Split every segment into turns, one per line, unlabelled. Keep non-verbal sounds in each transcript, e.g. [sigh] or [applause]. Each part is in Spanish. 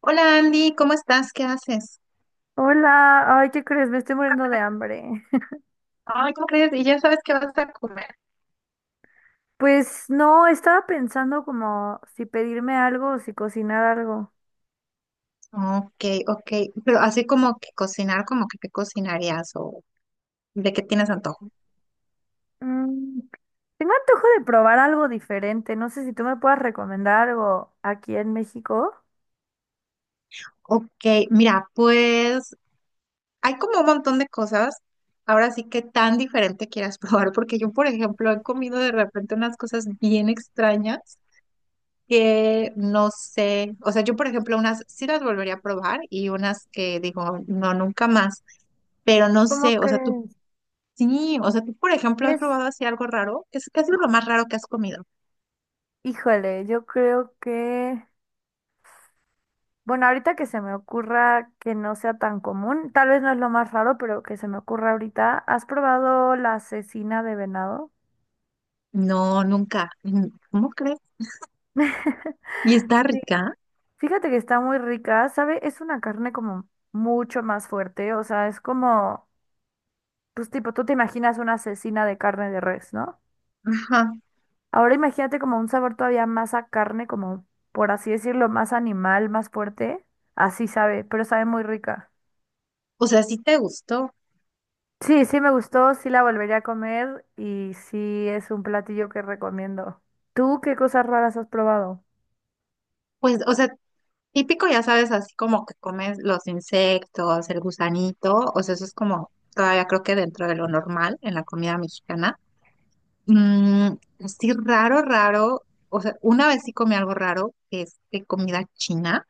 Hola Andy, ¿cómo estás? ¿Qué haces?
Hola, ay, ¿qué crees? Me estoy muriendo de hambre. [laughs]
Ay, ¿cómo crees? Y ya sabes qué vas a comer.
Pues no, estaba pensando como si pedirme algo o si cocinar algo.
Ok, ok, pero así como que cocinar, como que qué cocinarías o de qué tienes antojo.
Mm, tengo antojo de probar algo diferente. No sé si tú me puedas recomendar algo aquí en México.
Ok, mira, pues hay como un montón de cosas. Ahora sí que tan diferente quieras [laughs] probar, porque yo, por ejemplo, he comido de repente unas cosas bien extrañas que no sé. O sea, yo, por ejemplo, unas sí las volvería a probar y unas que digo, no, nunca más. Pero no
¿Cómo
sé, o sea, tú.
crees?
Sí, o sea, tú, por ejemplo, has
Es,
probado así algo raro. Es casi lo más raro que has comido.
híjole, yo creo que, bueno, ahorita que se me ocurra que no sea tan común, tal vez no es lo más raro, pero que se me ocurra ahorita, ¿has probado la cecina de venado?
No, nunca. Mm, ¿cómo crees?
[laughs]
¿Y está
Sí.
rica?
Fíjate que está muy rica, ¿sabe? Es una carne como mucho más fuerte, o sea, es como, pues tipo, tú te imaginas una asesina de carne de res, ¿no?
Ajá.
Ahora imagínate como un sabor todavía más a carne, como, por así decirlo, más animal, más fuerte, así sabe, pero sabe muy rica.
O sea, sí te gustó.
Sí, sí me gustó, sí la volvería a comer y sí es un platillo que recomiendo. ¿Tú qué cosas raras has probado?
Pues, o sea, típico, ya sabes, así como que comes los insectos, el gusanito. O sea, eso es como todavía creo que dentro de lo normal en la comida mexicana. Mm, sí, raro, raro. O sea, una vez sí comí algo raro, que es de comida china.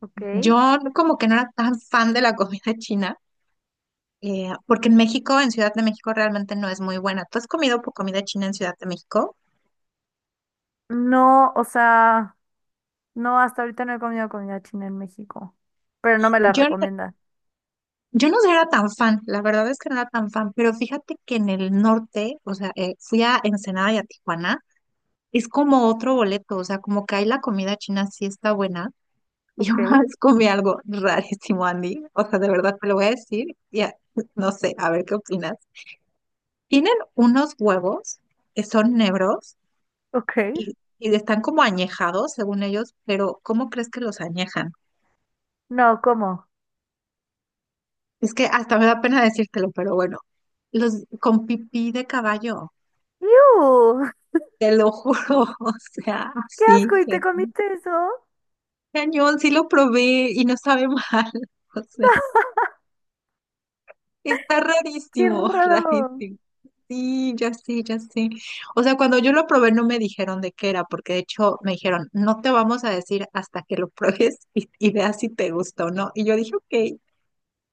Ok.
Yo como que no era tan fan de la comida [laughs] china. Porque en México, en Ciudad de México, realmente no es muy buena. ¿Tú has comido comida china en Ciudad de México?
No, o sea... No, hasta ahorita no he comido comida china en México, pero no me la
Yo, no-
recomiendan.
yo no era tan fan, la verdad es que no era tan fan, pero fíjate que en el norte, o sea, fui a Ensenada y a Tijuana, es como otro boleto, o sea, como que ahí la comida china sí está buena. Y yo [laughs]
Ok,
una vez comí algo rarísimo, Andy, o sea, de verdad te lo voy a decir, y [laughs] no sé, a ver qué opinas. Tienen unos huevos que son negros
ok.
y están como añejados, según ellos, pero ¿cómo crees que los añejan?
No, ¿cómo?
Es que hasta me da pena decírtelo, pero bueno, los con pipí de caballo,
¡Iu!
te lo juro, [laughs] o sea,
¡Qué
sí,
asco! ¿Y te
cañón,
comiste eso?
cañón, sí lo probé y no sabe mal, [laughs] o sea, está
¡Qué
rarísimo, [laughs]
raro! No.
rarísimo. Sí, ya sé, ya sé. O sea, cuando yo lo probé no me dijeron de qué era, porque de hecho me dijeron, no te vamos a decir hasta que lo pruebes [laughs] y veas si te gusta o no. Y yo dije, ok.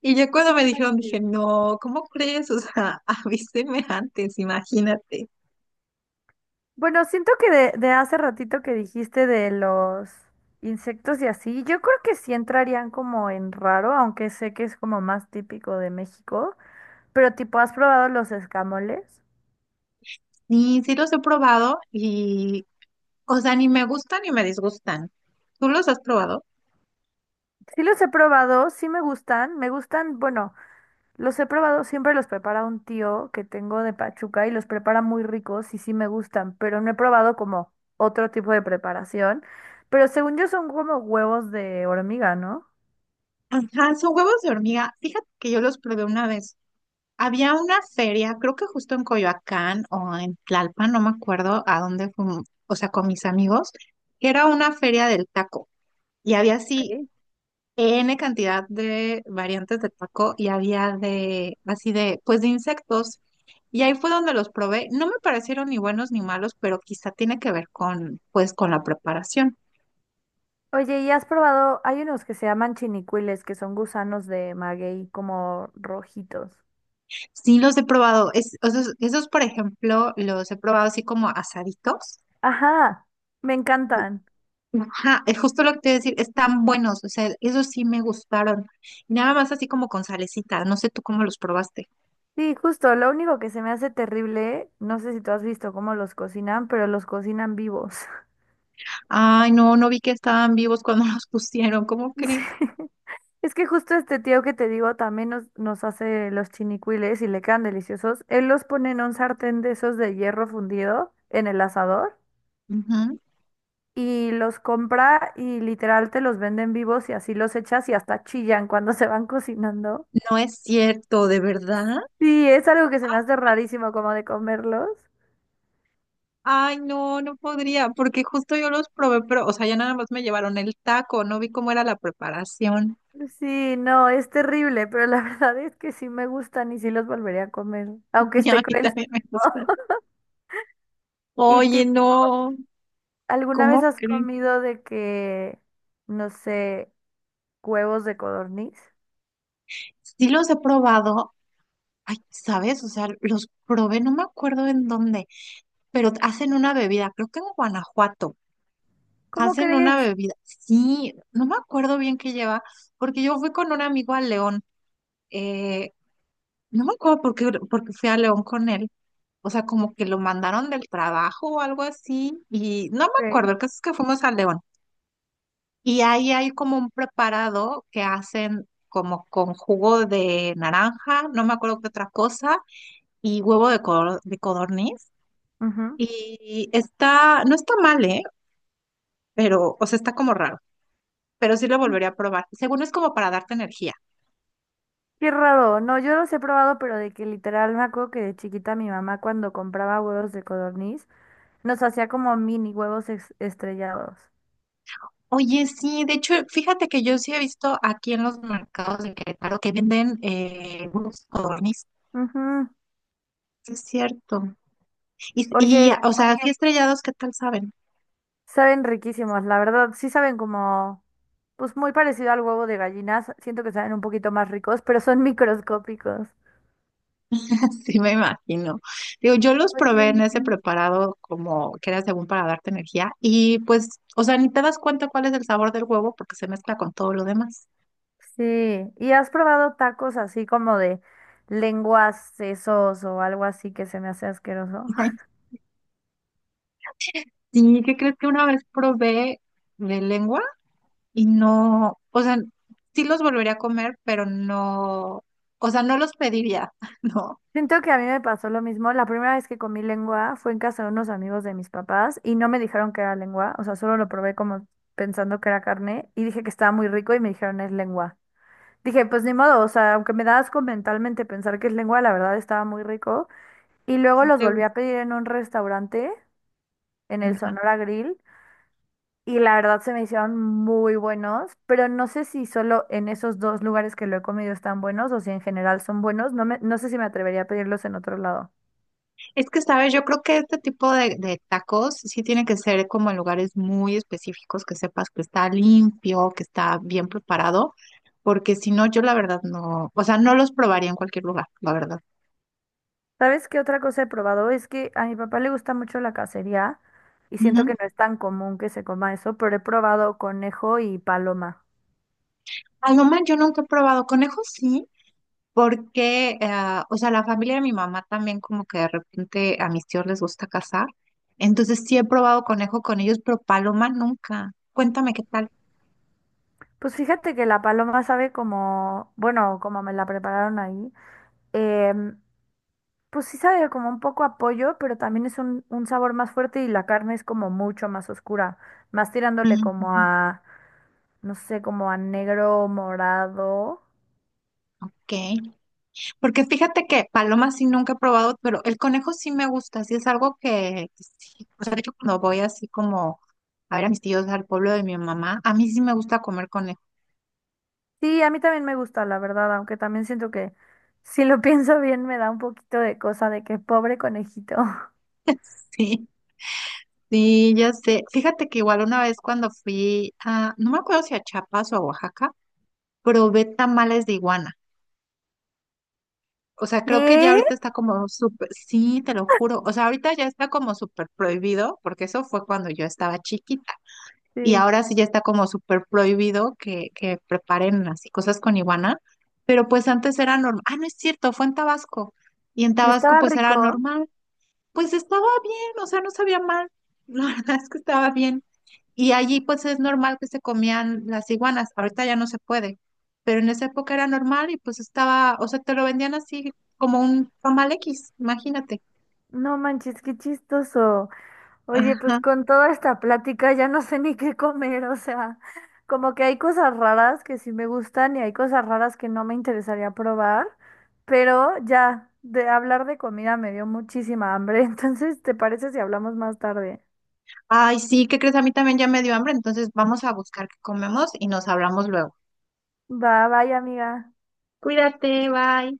Y ya cuando me dijeron, dije,
Manches.
no, ¿cómo crees? O sea, [laughs] avíseme antes, imagínate.
Bueno, siento que de hace ratito que dijiste de los insectos y así, yo creo que sí entrarían como en raro, aunque sé que es como más típico de México, pero tipo, ¿has probado los escamoles?
Sí, sí los he probado y, o sea, ni me gustan ni me disgustan. ¿Tú los has probado?
Sí los he probado, sí me gustan, bueno. Los he probado, siempre los prepara un tío que tengo de Pachuca y los prepara muy ricos y sí me gustan, pero no he probado como otro tipo de preparación. Pero según yo son como huevos de hormiga, ¿no?
Ajá, son huevos de hormiga. Fíjate que yo los probé una vez. Había una feria, creo que justo en Coyoacán o en Tlalpan, no me acuerdo a dónde fuimos, o sea, con mis amigos, que era una feria del taco y había así
Ok.
N cantidad de variantes de taco y había de, así de, pues de insectos. Y ahí fue donde los probé. No me parecieron ni buenos ni malos, pero quizá tiene que ver con, pues, con la preparación.
Oye, ¿y has probado? Hay unos que se llaman chinicuiles, que son gusanos de maguey como rojitos.
Sí los he probado. Esos, esos, por ejemplo, los he probado así como asaditos.
Ajá, me
Y-
encantan.
Ajá, es justo lo que te iba a decir, están buenos, o sea, esos sí me gustaron. Nada más así como con salecita, no sé tú cómo los probaste.
Sí, justo, lo único que se me hace terrible, no sé si tú has visto cómo los cocinan, pero los cocinan vivos.
Ay, no, no vi que estaban vivos cuando [laughs] los pusieron, ¿cómo
[laughs] Sí.
crees?
Es que justo este tío que te digo también nos hace los chinicuiles y le quedan deliciosos. Él los pone en un sartén de esos de hierro fundido en el asador
Ujú.
y los compra y literal te los venden vivos y así los echas y hasta chillan cuando [laughs] se van cocinando.
No es cierto, de verdad.
Sí, es algo que se me hace rarísimo como de comerlos.
Ay, no, no podría, porque justo yo los probé, pero, o sea, ya nada más me llevaron el taco, no vi cómo era la preparación. [laughs]
Sí, no, es terrible, pero la [laughs] verdad es que sí me gustan y sí los volvería a comer, aunque
Y a
esté
mí también
cruelísimo.
me gusta.
[laughs] Y
Oye,
tipo,
no,
¿alguna vez
¿cómo
has
crees?
comido de que, no sé, huevos de codorniz?
Sí los he probado, ay, ¿sabes? O sea, los probé, no me acuerdo en dónde, pero hacen una bebida, creo que en Guanajuato.
¿Cómo
Hacen
crees?
una bebida, sí, no me acuerdo bien qué lleva, porque yo fui con un amigo a León, eh, no me acuerdo por qué, porque fui a León con él, o sea, como que lo mandaron del trabajo o algo así, y no me
Ok.
acuerdo, el caso es que fuimos al León. Y ahí hay como un preparado que hacen como con jugo de naranja, no me acuerdo qué otra cosa, y huevo de, de codorniz.
Ujú.
Y está, no está mal, ¿eh? Pero, o sea, está como raro, pero sí lo volvería a probar. Según es como para darte energía.
Qué raro. No, yo los he probado, pero de que literal me acuerdo que de chiquita mi mamá cuando compraba huevos de codorniz nos hacía como mini huevos estrellados.
Oye, sí, de hecho, fíjate que yo sí he visto aquí en los mercados de Querétaro que venden huevos de codorniz.
Ujú.
Sí, es cierto. Y, y,
Oye,
o sea, así estrellados, ¿qué tal saben?
saben riquísimos, la verdad. Sí saben como, pues muy parecido al huevo de gallinas. Siento que saben un poquito más ricos, pero son [laughs] microscópicos.
[laughs] Sí, me imagino. Digo, yo los
Oye,
probé en ese preparado como que era según para darte energía y pues, o sea, ni te das cuenta cuál es el sabor del huevo porque se mezcla con todo lo demás.
sí, ¿y has probado tacos así como de lenguas, sesos o algo así que se me hace asqueroso?
[laughs] Ay,
[laughs]
sí, ¿qué crees que una vez probé de lengua y no, o sea, sí los volvería a comer, pero no, o sea, no los pediría, [laughs] ¿no?
Siento que a mí me pasó lo mismo. La primera vez que comí lengua fue en casa de unos amigos de mis papás y no me dijeron que era lengua, o sea, solo lo probé como pensando que era carne y dije que estaba muy rico y me dijeron es lengua. Dije, pues ni modo, o sea, aunque me da asco mentalmente pensar que es lengua, la verdad estaba muy rico. Y luego
Sí
los
te
volví a
gustó.
pedir en un restaurante, en el
Ajá.
Sonora Grill. Y la verdad se me hicieron muy buenos, pero no sé si solo en esos dos lugares que lo he comido están buenos o si en general son buenos. No sé si me atrevería a pedirlos en otro lado.
Es que, sabes, yo creo que este tipo de tacos sí tiene que ser como en lugares muy específicos, que sepas que está limpio, que está bien preparado, porque si no, yo la verdad no, o sea, no los probaría en cualquier lugar, la verdad.
¿Sabes qué otra cosa he probado? Es que a mi papá le gusta mucho la cacería y siento
Ujú.
que no es tan común que se coma eso, pero he probado conejo y paloma.
Ay, no man, yo nunca he probado conejos, sí, porque, o sea, la familia de mi mamá también como que de repente a mis tíos les gusta cazar, entonces sí he probado conejo con ellos, pero paloma nunca. Cuéntame qué tal.
Pues fíjate que la paloma sabe como, bueno, como me la prepararon ahí. em, Pues sí sabe como un poco a pollo, pero también es un sabor más fuerte y la carne es como mucho más oscura, más tirándole
Ujú,
como
ujú.
a, no sé, como a negro, morado.
Ok. Porque fíjate que paloma sí nunca he probado, pero el conejo sí me gusta, sí es algo que sí. O sea, de hecho, cuando voy así como a ver a mis tíos al pueblo de mi mamá, a mí sí me gusta comer conejo. [laughs]
Sí, a mí también me gusta, la verdad, aunque también siento que si lo [laughs] pienso bien me da un poquito de cosa de que pobre conejito.
Sí, sí, ya sé. Fíjate que igual una vez cuando fui a, no me acuerdo si a Chiapas o a Oaxaca, probé tamales de iguana. O sea,
[laughs]
creo que ya
¿Qué?
ahorita está como súper, sí, te lo juro. O sea, ahorita ya está como súper prohibido, porque eso fue cuando yo estaba chiquita. Y
Sí.
ahora sí ya está como súper prohibido que preparen así cosas con iguana, pero pues antes era normal. Ah, no es cierto, fue en Tabasco. Y en
Y
Tabasco
estaba
pues era
rico.
normal. Pues estaba bien, o sea, no sabía mal. [laughs] La verdad es que estaba bien. Y allí pues es normal que se comían las iguanas. Ahorita ya no se puede. Pero en esa época era normal y pues estaba, o sea, te lo vendían así como un tamal X, imagínate.
No manches, qué chistoso. Oye, pues
Ajá.
con toda esta plática ya no sé ni qué comer, o sea, como que hay cosas raras que sí me gustan y hay cosas raras que no me interesaría probar, pero ya, de hablar de comida me dio muchísima hambre, [laughs] entonces, ¿te parece si hablamos más tarde?
Ay, sí, ¿qué crees? A mí también ya me dio hambre, entonces vamos a buscar qué comemos y nos hablamos luego.
Va, bye, amiga.
Cuídate, bye.